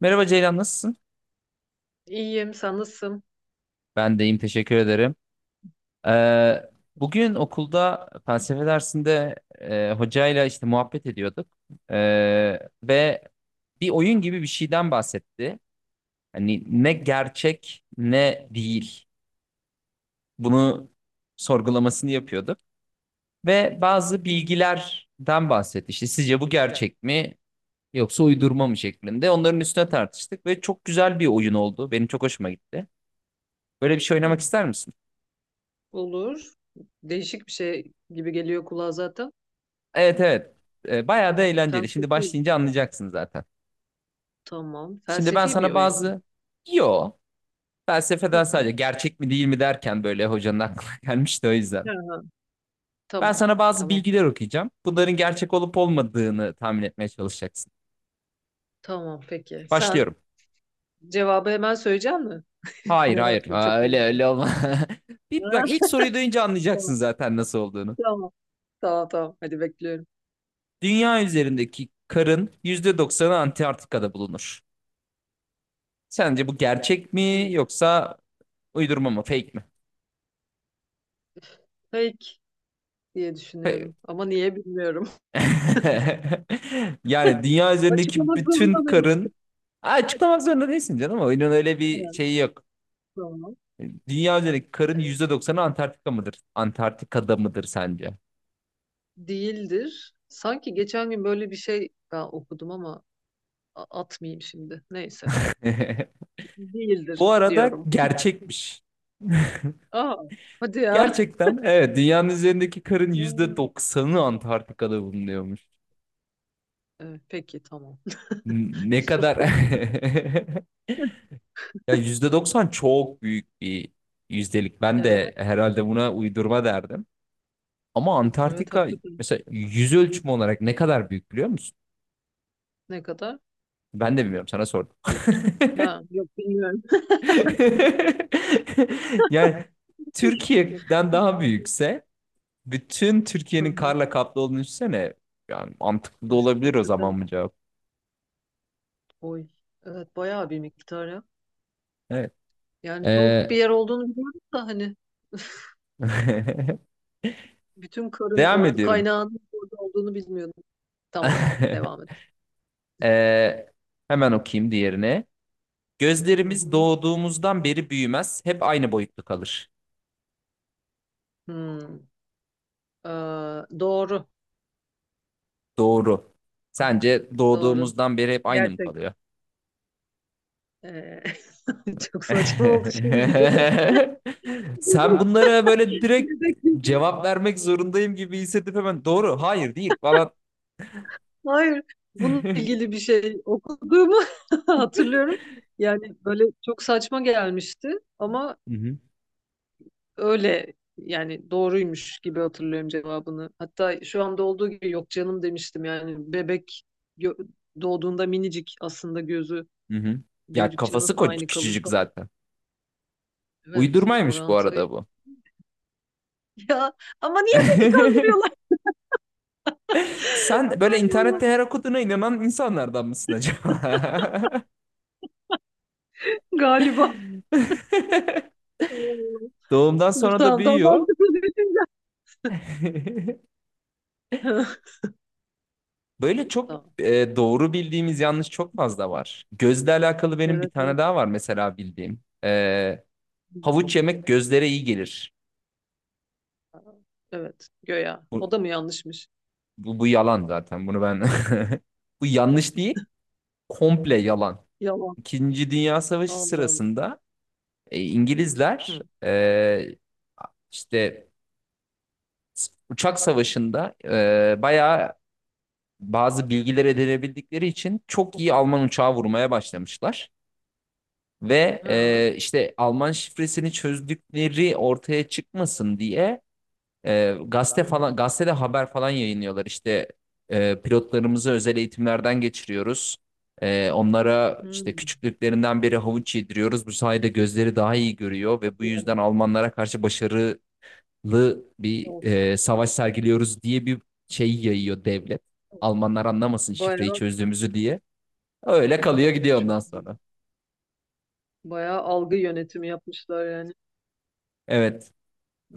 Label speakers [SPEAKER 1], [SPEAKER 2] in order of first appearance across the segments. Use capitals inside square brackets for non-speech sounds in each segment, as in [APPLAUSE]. [SPEAKER 1] Merhaba Ceylan, nasılsın?
[SPEAKER 2] İyiyim, sen nasılsın?
[SPEAKER 1] Ben de iyiyim, teşekkür ederim. Ee, Bugün okulda felsefe dersinde hocayla işte muhabbet ediyorduk. Ve bir oyun gibi bir şeyden bahsetti. Hani ne gerçek ne değil. Bunu sorgulamasını yapıyorduk. Ve bazı bilgilerden bahsetti. İşte sizce bu gerçek mi yoksa uydurma mı şeklinde. Onların üstüne tartıştık ve çok güzel bir oyun oldu. Benim çok hoşuma gitti. Böyle bir şey oynamak
[SPEAKER 2] Hı,
[SPEAKER 1] ister misin?
[SPEAKER 2] olur. Değişik bir şey gibi geliyor kulağa zaten.
[SPEAKER 1] Evet, evet.
[SPEAKER 2] Hı,
[SPEAKER 1] Bayağı da eğlenceli. Şimdi
[SPEAKER 2] felsefi.
[SPEAKER 1] başlayınca anlayacaksın zaten.
[SPEAKER 2] Tamam.
[SPEAKER 1] Şimdi ben
[SPEAKER 2] Felsefi bir
[SPEAKER 1] sana
[SPEAKER 2] oyun mu?
[SPEAKER 1] bazı yo felsefeden
[SPEAKER 2] Hı.
[SPEAKER 1] sadece
[SPEAKER 2] Hı,
[SPEAKER 1] gerçek mi değil mi derken böyle hocanın aklına [LAUGHS] gelmişti o yüzden.
[SPEAKER 2] hı.
[SPEAKER 1] Ben
[SPEAKER 2] Tamam.
[SPEAKER 1] sana bazı
[SPEAKER 2] Tamam.
[SPEAKER 1] bilgiler okuyacağım. Bunların gerçek olup olmadığını tahmin etmeye çalışacaksın.
[SPEAKER 2] Tamam. Peki. Sen
[SPEAKER 1] Başlıyorum.
[SPEAKER 2] cevabı hemen söyleyecek misin? [LAUGHS]
[SPEAKER 1] Hayır, hayır.
[SPEAKER 2] Meraklı çok.
[SPEAKER 1] Ha, öyle öyle olma. [LAUGHS] Bir bak, ilk
[SPEAKER 2] Ah,
[SPEAKER 1] soruyu duyunca anlayacaksın
[SPEAKER 2] tamam.
[SPEAKER 1] zaten nasıl olduğunu.
[SPEAKER 2] Tamam. Tamam tamam. Hadi bekliyorum.
[SPEAKER 1] Dünya üzerindeki karın %90 Antarktika'da bulunur. Sence bu gerçek mi yoksa uydurma mı, fake mi?
[SPEAKER 2] Fake diye düşünüyorum. Ama niye bilmiyorum.
[SPEAKER 1] [LAUGHS] Yani dünya
[SPEAKER 2] [LAUGHS]
[SPEAKER 1] üzerindeki
[SPEAKER 2] Açıklamak
[SPEAKER 1] bütün
[SPEAKER 2] zorunda mıyım?
[SPEAKER 1] karın. Ha, açıklamak zorunda değilsin canım. Oyunun öyle bir
[SPEAKER 2] Evet,
[SPEAKER 1] şeyi yok.
[SPEAKER 2] tamam.
[SPEAKER 1] Dünya üzerindeki karın
[SPEAKER 2] Evet.
[SPEAKER 1] yüzde doksanı Antarktika mıdır? Antarktika'da mıdır sence?
[SPEAKER 2] Değildir. Sanki geçen gün böyle bir şey ben okudum ama atmayayım şimdi. Neyse.
[SPEAKER 1] [LAUGHS]
[SPEAKER 2] Değildir
[SPEAKER 1] Bu arada
[SPEAKER 2] diyorum.
[SPEAKER 1] gerçekmiş.
[SPEAKER 2] Aa, hadi ya.
[SPEAKER 1] Gerçekten, evet, dünyanın üzerindeki karın yüzde
[SPEAKER 2] Aa.
[SPEAKER 1] doksanı Antarktika'da bulunuyormuş.
[SPEAKER 2] Evet, peki tamam. [LAUGHS]
[SPEAKER 1] Ne kadar [LAUGHS]
[SPEAKER 2] Sustum.
[SPEAKER 1] ya, %90 çok büyük bir yüzdelik. Ben
[SPEAKER 2] Evet.
[SPEAKER 1] de herhalde buna uydurma derdim. Ama
[SPEAKER 2] Evet
[SPEAKER 1] Antarktika
[SPEAKER 2] haklısın.
[SPEAKER 1] mesela yüz ölçümü olarak ne kadar büyük biliyor musun?
[SPEAKER 2] Ne kadar?
[SPEAKER 1] Ben de bilmiyorum, sana sordum. [LAUGHS]
[SPEAKER 2] Ha, yok bilmiyorum.
[SPEAKER 1] Yani
[SPEAKER 2] [LAUGHS]
[SPEAKER 1] Türkiye'den daha büyükse bütün
[SPEAKER 2] Hı
[SPEAKER 1] Türkiye'nin
[SPEAKER 2] hı.
[SPEAKER 1] karla kaplı olduğunu düşünsene. Yani mantıklı da
[SPEAKER 2] Üf,
[SPEAKER 1] olabilir o
[SPEAKER 2] hakikaten.
[SPEAKER 1] zaman bu cevap.
[SPEAKER 2] Oy. Evet bayağı bir miktar ya.
[SPEAKER 1] Evet.
[SPEAKER 2] Yani soğuk bir
[SPEAKER 1] Ee,
[SPEAKER 2] yer olduğunu biliyordum da hani bütün
[SPEAKER 1] [LAUGHS]
[SPEAKER 2] karın
[SPEAKER 1] Devam
[SPEAKER 2] orada
[SPEAKER 1] ediyorum.
[SPEAKER 2] kaynağının orada olduğunu bilmiyordum. Tamam, devam et.
[SPEAKER 1] [LAUGHS] Ee, Hemen okuyayım diğerine.
[SPEAKER 2] Hı
[SPEAKER 1] Gözlerimiz
[SPEAKER 2] hı.
[SPEAKER 1] doğduğumuzdan beri büyümez, hep aynı boyutta kalır.
[SPEAKER 2] Hmm. Ee, doğru,
[SPEAKER 1] Doğru. Sence
[SPEAKER 2] doğru.
[SPEAKER 1] doğduğumuzdan beri hep aynı mı
[SPEAKER 2] Gerçek.
[SPEAKER 1] kalıyor?
[SPEAKER 2] Ee, [LAUGHS] çok
[SPEAKER 1] [LAUGHS]
[SPEAKER 2] saçma oldu şimdi bir bebek,
[SPEAKER 1] Sen
[SPEAKER 2] bebek,
[SPEAKER 1] bunlara böyle direkt
[SPEAKER 2] bebek. Yüzü.
[SPEAKER 1] cevap vermek zorundayım gibi hissedip hemen doğru, hayır değil falan.
[SPEAKER 2] Hayır,
[SPEAKER 1] [LAUGHS]
[SPEAKER 2] bununla
[SPEAKER 1] Hı
[SPEAKER 2] ilgili bir şey okuduğumu [LAUGHS] hatırlıyorum. Yani böyle çok saçma gelmişti ama
[SPEAKER 1] hı.
[SPEAKER 2] öyle yani doğruymuş gibi hatırlıyorum cevabını. Hatta şu anda olduğu gibi yok canım demiştim yani bebek gö- doğduğunda minicik aslında gözü
[SPEAKER 1] Hı hı. Ya
[SPEAKER 2] büyüdükçe
[SPEAKER 1] kafası
[SPEAKER 2] nasıl aynı kalır
[SPEAKER 1] küçücük
[SPEAKER 2] falan.
[SPEAKER 1] zaten.
[SPEAKER 2] Evet
[SPEAKER 1] Uydurmaymış bu
[SPEAKER 2] orantı.
[SPEAKER 1] arada bu.
[SPEAKER 2] [LAUGHS] Ya ama niye beni kandırıyorlar?
[SPEAKER 1] [LAUGHS] Sen
[SPEAKER 2] [LAUGHS]
[SPEAKER 1] böyle
[SPEAKER 2] Ay Allah.
[SPEAKER 1] internette her okuduğuna inanan insanlardan mısın acaba?
[SPEAKER 2] Galiba.
[SPEAKER 1] [LAUGHS]
[SPEAKER 2] Ay Allah.
[SPEAKER 1] Doğumdan
[SPEAKER 2] Dur
[SPEAKER 1] sonra da
[SPEAKER 2] tamam daha
[SPEAKER 1] büyüyor.
[SPEAKER 2] mantıklı düşünce.
[SPEAKER 1] [LAUGHS]
[SPEAKER 2] [LAUGHS]
[SPEAKER 1] Böyle çok
[SPEAKER 2] Tamam.
[SPEAKER 1] doğru bildiğimiz yanlış çok fazla var. Gözle alakalı benim bir
[SPEAKER 2] Evet, evet.
[SPEAKER 1] tane daha var mesela bildiğim. Havuç yemek gözlere iyi gelir.
[SPEAKER 2] Aa, evet. Göya. O da
[SPEAKER 1] Bu,
[SPEAKER 2] mı yanlışmış?
[SPEAKER 1] bu yalan zaten. Bunu ben [LAUGHS] bu yanlış değil. Komple yalan.
[SPEAKER 2] Yalan.
[SPEAKER 1] İkinci Dünya Savaşı
[SPEAKER 2] Allah Allah.
[SPEAKER 1] sırasında İngilizler
[SPEAKER 2] Hı.
[SPEAKER 1] işte uçak savaşında bayağı bazı bilgiler edinebildikleri için çok iyi Alman uçağı vurmaya başlamışlar. Ve
[SPEAKER 2] Ha.
[SPEAKER 1] işte Alman şifresini çözdükleri ortaya çıkmasın diye
[SPEAKER 2] Hı hı.
[SPEAKER 1] gazetede haber falan yayınlıyorlar. İşte pilotlarımızı özel eğitimlerden geçiriyoruz. Onlara
[SPEAKER 2] Hı.
[SPEAKER 1] işte küçüklüklerinden beri havuç yediriyoruz. Bu sayede gözleri daha iyi görüyor ve bu
[SPEAKER 2] Hadi ya.
[SPEAKER 1] yüzden Almanlara karşı başarılı bir
[SPEAKER 2] Of.
[SPEAKER 1] savaş sergiliyoruz diye bir şey yayıyor devlet. Almanlar anlamasın şifreyi
[SPEAKER 2] Bayağı
[SPEAKER 1] çözdüğümüzü diye. Öyle kalıyor
[SPEAKER 2] ya
[SPEAKER 1] gidiyor
[SPEAKER 2] çok
[SPEAKER 1] ondan
[SPEAKER 2] iyi.
[SPEAKER 1] sonra.
[SPEAKER 2] Bayağı algı yönetimi yapmışlar yani.
[SPEAKER 1] Evet.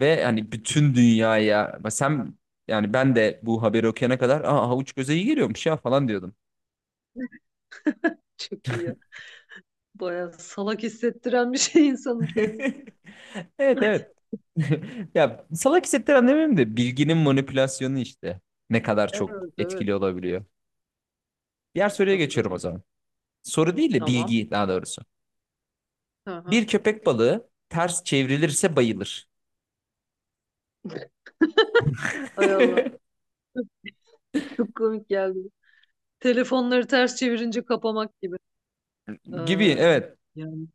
[SPEAKER 1] Ve hani bütün dünyaya sen, yani ben de bu haberi okuyana kadar aa, havuç göze iyi geliyormuş ya falan diyordum.
[SPEAKER 2] çok iyi ya. Bayağı salak hissettiren bir şey insanın kendini.
[SPEAKER 1] [LAUGHS] Evet, evet.
[SPEAKER 2] [LAUGHS]
[SPEAKER 1] [LAUGHS] Ya, salak hissettiren demeyeyim de bilginin manipülasyonu işte ne kadar çok
[SPEAKER 2] Evet evet.
[SPEAKER 1] etkili olabiliyor. Diğer
[SPEAKER 2] Evet,
[SPEAKER 1] soruya geçiyorum o
[SPEAKER 2] hakikaten.
[SPEAKER 1] zaman. Soru değil de
[SPEAKER 2] Tamam.
[SPEAKER 1] bilgi daha doğrusu.
[SPEAKER 2] Hı hı.
[SPEAKER 1] Bir köpek balığı ters çevrilirse bayılır.
[SPEAKER 2] [LAUGHS] Ay Allah.
[SPEAKER 1] [LAUGHS]
[SPEAKER 2] Çok komik geldi. Telefonları ters çevirince kapamak gibi. Ee,
[SPEAKER 1] Gibi, evet.
[SPEAKER 2] yani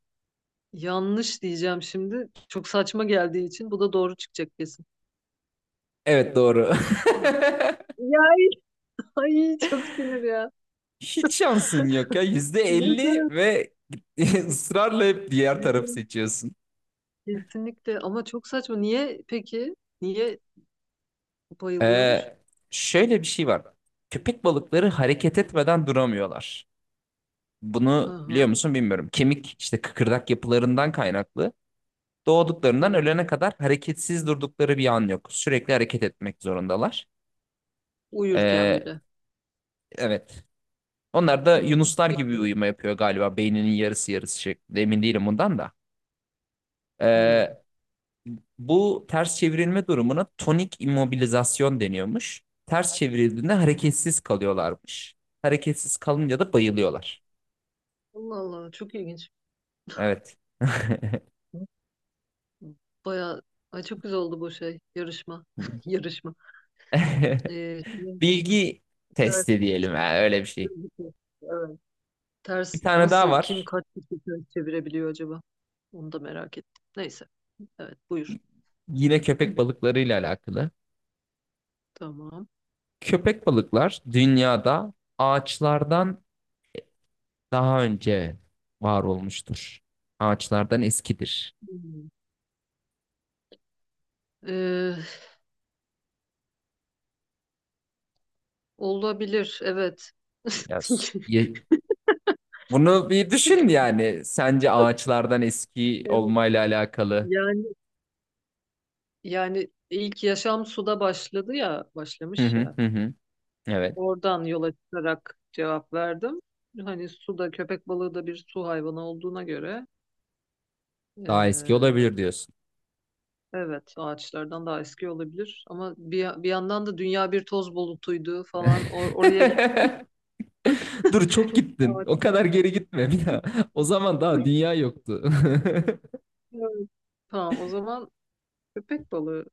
[SPEAKER 2] yanlış diyeceğim şimdi. Çok saçma geldiği için bu da doğru çıkacak kesin.
[SPEAKER 1] Evet, doğru. [LAUGHS]
[SPEAKER 2] Ya ay çok sinir ya.
[SPEAKER 1] Hiç şansın yok ya. Yüzde
[SPEAKER 2] Ne
[SPEAKER 1] elli
[SPEAKER 2] demek?
[SPEAKER 1] ve [LAUGHS] ısrarla hep diğer
[SPEAKER 2] Ne
[SPEAKER 1] tarafı
[SPEAKER 2] demek?
[SPEAKER 1] seçiyorsun.
[SPEAKER 2] Kesinlikle ama çok saçma. Niye peki? Niye bayılıyormuş?
[SPEAKER 1] Ee, Şöyle bir şey var. Köpek balıkları hareket etmeden duramıyorlar.
[SPEAKER 2] Hı
[SPEAKER 1] Bunu biliyor
[SPEAKER 2] hı.
[SPEAKER 1] musun bilmiyorum. Kemik işte, kıkırdak yapılarından kaynaklı. Doğduklarından
[SPEAKER 2] Hı.
[SPEAKER 1] ölene kadar hareketsiz durdukları bir an yok. Sürekli hareket etmek zorundalar.
[SPEAKER 2] Uyurken
[SPEAKER 1] Ee,
[SPEAKER 2] bile.
[SPEAKER 1] evet. Onlar da
[SPEAKER 2] Hı.
[SPEAKER 1] yunuslar gibi
[SPEAKER 2] Peki.
[SPEAKER 1] uyuma yapıyor galiba. Beyninin yarısı yarısı şeklinde. Emin değilim bundan da.
[SPEAKER 2] Hı.
[SPEAKER 1] Ee, Bu ters çevrilme durumuna tonik immobilizasyon deniyormuş. Ters çevrildiğinde hareketsiz kalıyorlarmış. Hareketsiz kalınca da bayılıyorlar.
[SPEAKER 2] Allah Allah çok ilginç.
[SPEAKER 1] Evet. [LAUGHS]
[SPEAKER 2] Baya ay çok güzel oldu bu şey yarışma. [LAUGHS] Yarışma. Şimdi
[SPEAKER 1] Bilgi
[SPEAKER 2] ters,
[SPEAKER 1] testi diyelim, ha, öyle bir şey.
[SPEAKER 2] evet.
[SPEAKER 1] Bir
[SPEAKER 2] Ters
[SPEAKER 1] tane daha
[SPEAKER 2] nasıl kim
[SPEAKER 1] var.
[SPEAKER 2] kaç kişi ters çevirebiliyor acaba? Onu da merak ettim. Neyse. Evet buyur.
[SPEAKER 1] Yine köpek balıklarıyla alakalı.
[SPEAKER 2] Tamam.
[SPEAKER 1] Köpek balıklar dünyada ağaçlardan daha önce var olmuştur. Ağaçlardan eskidir.
[SPEAKER 2] Hmm. Ee, olabilir evet.
[SPEAKER 1] Yaz.
[SPEAKER 2] [LAUGHS]
[SPEAKER 1] Bunu bir düşün yani. Sence ağaçlardan eski
[SPEAKER 2] Evet,
[SPEAKER 1] olmayla alakalı.
[SPEAKER 2] yani yani ilk yaşam suda başladı ya,
[SPEAKER 1] Hı
[SPEAKER 2] başlamış
[SPEAKER 1] hı,
[SPEAKER 2] ya.
[SPEAKER 1] hı hı. Evet.
[SPEAKER 2] Oradan yola çıkarak cevap verdim. Hani suda köpek balığı da bir su hayvanı olduğuna göre
[SPEAKER 1] Daha eski
[SPEAKER 2] eee,
[SPEAKER 1] olabilir diyorsun.
[SPEAKER 2] evet ağaçlardan daha eski olabilir. Ama bir yandan da dünya bir toz bulutuydu falan. Oraya gittim.
[SPEAKER 1] [LAUGHS]
[SPEAKER 2] [LAUGHS]
[SPEAKER 1] Dur, çok gittin. O
[SPEAKER 2] Ağaçlar.
[SPEAKER 1] kadar geri gitme bir daha. O zaman daha dünya yoktu. [LAUGHS]
[SPEAKER 2] Evet. Tamam o zaman köpek balığı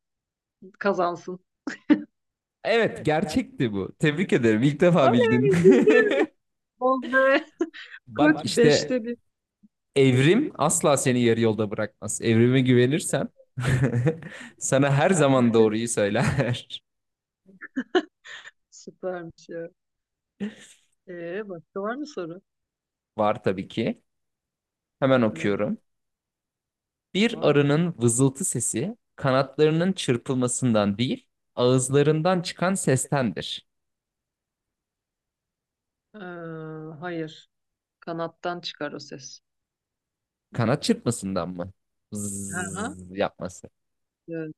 [SPEAKER 2] kazansın.
[SPEAKER 1] Evet, gerçekti bu. Tebrik ederim. İlk defa
[SPEAKER 2] Oley
[SPEAKER 1] bildin.
[SPEAKER 2] bildim. Oley.
[SPEAKER 1] [LAUGHS]
[SPEAKER 2] Koç
[SPEAKER 1] Bak işte,
[SPEAKER 2] beşte bir.
[SPEAKER 1] evrim asla seni yarı yolda bırakmaz. Evrime güvenirsen [LAUGHS] sana her zaman doğruyu söyler.
[SPEAKER 2] Süpermiş ya. Başka var mı soru?
[SPEAKER 1] [LAUGHS] Var tabii ki. Hemen
[SPEAKER 2] Oley.
[SPEAKER 1] okuyorum. Bir
[SPEAKER 2] Tamam.
[SPEAKER 1] arının vızıltı sesi kanatlarının çırpılmasından değil, ağızlarından çıkan sestendir.
[SPEAKER 2] Ee, hayır. Kanattan çıkar o ses.
[SPEAKER 1] Kanat çırpmasından mı?
[SPEAKER 2] Hı hı.
[SPEAKER 1] Zzz yapması.
[SPEAKER 2] Evet,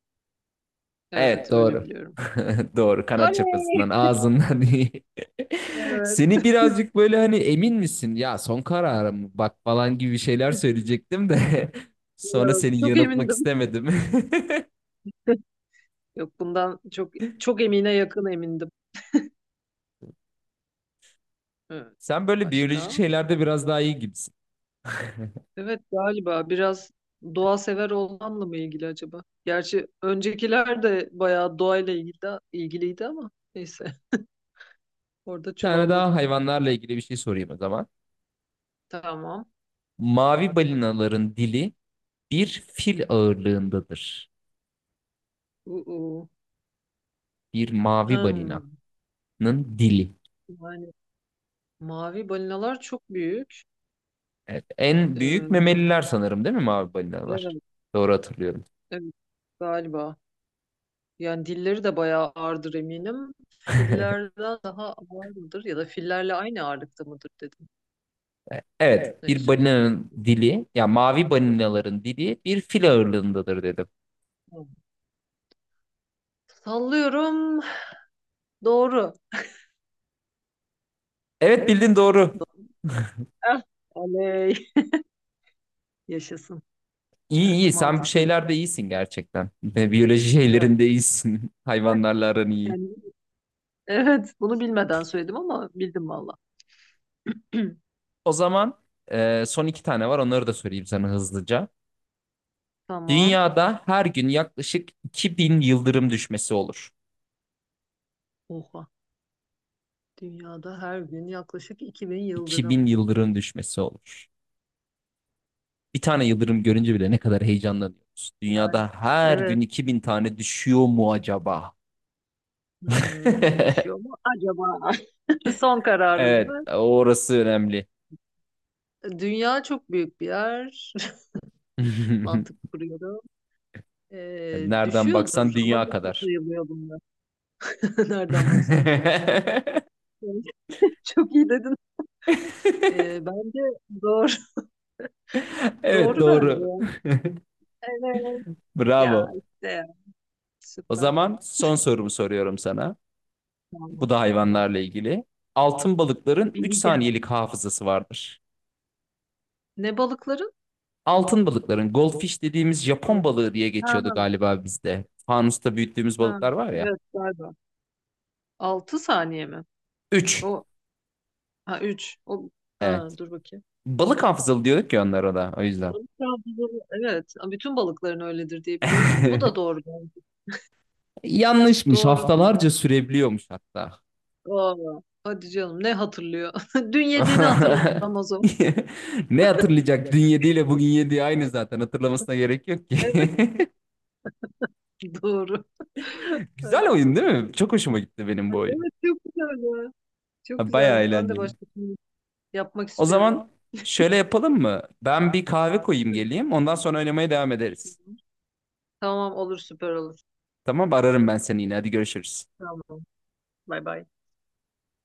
[SPEAKER 1] Evet,
[SPEAKER 2] evet, öyle
[SPEAKER 1] doğru.
[SPEAKER 2] biliyorum.
[SPEAKER 1] [LAUGHS] Doğru, kanat
[SPEAKER 2] Oley!
[SPEAKER 1] çırpmasından, ağzından değil. [LAUGHS]
[SPEAKER 2] Evet.
[SPEAKER 1] Seni birazcık böyle hani emin misin, ya son kararım mı, bak falan gibi şeyler
[SPEAKER 2] [LAUGHS]
[SPEAKER 1] söyleyecektim de [LAUGHS] sonra
[SPEAKER 2] Yok,
[SPEAKER 1] seni
[SPEAKER 2] çok
[SPEAKER 1] yanıltmak
[SPEAKER 2] emindim.
[SPEAKER 1] istemedim.
[SPEAKER 2] [LAUGHS] Yok bundan çok çok emine yakın emindim. Evet.
[SPEAKER 1] [LAUGHS] Sen böyle biyolojik
[SPEAKER 2] Başka?
[SPEAKER 1] şeylerde biraz daha iyi gibisin.
[SPEAKER 2] Evet galiba biraz doğa sever olmamla mı ilgili acaba? Gerçi öncekiler de bayağı doğayla ilgiliydi ama neyse [LAUGHS] orada
[SPEAKER 1] Bir tane daha
[SPEAKER 2] çuvalladık.
[SPEAKER 1] hayvanlarla ilgili bir şey sorayım o zaman.
[SPEAKER 2] Tamam.
[SPEAKER 1] Mavi balinaların dili bir fil ağırlığındadır.
[SPEAKER 2] Uu.
[SPEAKER 1] Bir mavi balinanın
[SPEAKER 2] Hmm.
[SPEAKER 1] dili.
[SPEAKER 2] Yani mavi balinalar çok büyük.
[SPEAKER 1] Evet, en büyük
[SPEAKER 2] Ee,
[SPEAKER 1] memeliler sanırım, değil mi mavi balinalar?
[SPEAKER 2] evet,
[SPEAKER 1] Doğru hatırlıyorum.
[SPEAKER 2] evet galiba. Yani dilleri de bayağı ağırdır eminim.
[SPEAKER 1] [LAUGHS]
[SPEAKER 2] Fillerden daha ağır mıdır ya da fillerle aynı ağırlıkta mıdır dedim.
[SPEAKER 1] Evet, evet, bir
[SPEAKER 2] Neyse.
[SPEAKER 1] balinanın dili, ya mavi balinaların dili bir fil ağırlığındadır dedim.
[SPEAKER 2] Tamam. Sallıyorum. Doğru.
[SPEAKER 1] Evet, bildin doğru.
[SPEAKER 2] Eh, oley. [LAUGHS] Yaşasın.
[SPEAKER 1] İyi iyi,
[SPEAKER 2] Evet
[SPEAKER 1] sen bir
[SPEAKER 2] mantıklı geldi.
[SPEAKER 1] şeylerde iyisin gerçekten. [LAUGHS] Ve biyoloji
[SPEAKER 2] Evet.
[SPEAKER 1] şeylerinde iyisin. [LAUGHS]
[SPEAKER 2] Eh,
[SPEAKER 1] Hayvanlarla aran iyi.
[SPEAKER 2] yani, evet bunu bilmeden söyledim ama bildim valla. [CLEARS THROAT]
[SPEAKER 1] O zaman son iki tane var, onları da söyleyeyim sana hızlıca.
[SPEAKER 2] Tamam.
[SPEAKER 1] Dünyada her gün yaklaşık 2.000 yıldırım düşmesi olur.
[SPEAKER 2] Oha. Dünyada her gün yaklaşık 2000
[SPEAKER 1] iki
[SPEAKER 2] yıldırım.
[SPEAKER 1] bin yıldırım düşmesi olur. Bir tane yıldırım görünce bile ne kadar heyecanlanıyoruz.
[SPEAKER 2] Yani
[SPEAKER 1] Dünyada her
[SPEAKER 2] evet.
[SPEAKER 1] gün 2.000 tane düşüyor mu acaba? [LAUGHS]
[SPEAKER 2] Düşüyor mu acaba? [LAUGHS] Son kararın
[SPEAKER 1] Evet,
[SPEAKER 2] mı?
[SPEAKER 1] orası önemli.
[SPEAKER 2] Dünya çok büyük bir yer. [LAUGHS]
[SPEAKER 1] [LAUGHS]
[SPEAKER 2] Mantık kuruyorum.
[SPEAKER 1] Nereden baksan
[SPEAKER 2] Düşüyordur ama
[SPEAKER 1] dünya
[SPEAKER 2] nasıl
[SPEAKER 1] kadar.
[SPEAKER 2] sayılıyor bunlar? [LAUGHS] Nereden baksan dünya.
[SPEAKER 1] [LAUGHS]
[SPEAKER 2] [LAUGHS] Çok iyi dedin. Bence doğru. [LAUGHS]
[SPEAKER 1] Evet,
[SPEAKER 2] Doğru
[SPEAKER 1] doğru.
[SPEAKER 2] bence. Evet. Ya
[SPEAKER 1] Bravo.
[SPEAKER 2] işte ya.
[SPEAKER 1] O
[SPEAKER 2] Süper.
[SPEAKER 1] zaman son sorumu soruyorum sana.
[SPEAKER 2] Tamam.
[SPEAKER 1] Bu da
[SPEAKER 2] Tamam.
[SPEAKER 1] hayvanlarla ilgili. Altın balıkların 3
[SPEAKER 2] Bileceğim.
[SPEAKER 1] saniyelik hafızası vardır.
[SPEAKER 2] Ne balıkların?
[SPEAKER 1] Altın balıkların, goldfish dediğimiz,
[SPEAKER 2] Al-
[SPEAKER 1] Japon balığı diye geçiyordu
[SPEAKER 2] Ha,
[SPEAKER 1] galiba bizde. Fanusta büyüttüğümüz
[SPEAKER 2] ha.
[SPEAKER 1] balıklar var ya.
[SPEAKER 2] Evet galiba. 6 saniye mi?
[SPEAKER 1] 3.
[SPEAKER 2] O ha 3. O ha
[SPEAKER 1] Evet.
[SPEAKER 2] dur bakayım.
[SPEAKER 1] Balık hafızalı diyorduk ya onlara da, o yüzden.
[SPEAKER 2] Balık avcıları, evet. Bütün balıkların öyledir diye biliyorum. Bu da doğru
[SPEAKER 1] [LAUGHS]
[SPEAKER 2] bence.
[SPEAKER 1] Yanlışmış.
[SPEAKER 2] Doğru.
[SPEAKER 1] Haftalarca sürebiliyormuş hatta.
[SPEAKER 2] Aa, hadi canım ne hatırlıyor? [LAUGHS] Dün yediğini
[SPEAKER 1] [LAUGHS]
[SPEAKER 2] hatırlamaz o.
[SPEAKER 1] [LAUGHS] Ne hatırlayacak? Dün yediyle bugün yediği aynı zaten. Hatırlamasına gerek yok ki.
[SPEAKER 2] Evet [LAUGHS] doğru.
[SPEAKER 1] [LAUGHS]
[SPEAKER 2] Ay,
[SPEAKER 1] Güzel oyun, değil mi? Çok hoşuma gitti benim bu
[SPEAKER 2] ay,
[SPEAKER 1] oyun.
[SPEAKER 2] evet çok güzel ya. Çok
[SPEAKER 1] Ha, bayağı
[SPEAKER 2] güzel. Ben de
[SPEAKER 1] eğlenceli.
[SPEAKER 2] başka bir şey yapmak
[SPEAKER 1] O
[SPEAKER 2] istiyorum.
[SPEAKER 1] zaman şöyle yapalım mı: Ben bir kahve koyayım geleyim. Ondan sonra oynamaya devam ederiz.
[SPEAKER 2] [LAUGHS] Tamam olur, süper olur.
[SPEAKER 1] Tamam, ararım ben seni yine. Hadi görüşürüz.
[SPEAKER 2] Tamam. Bay bay.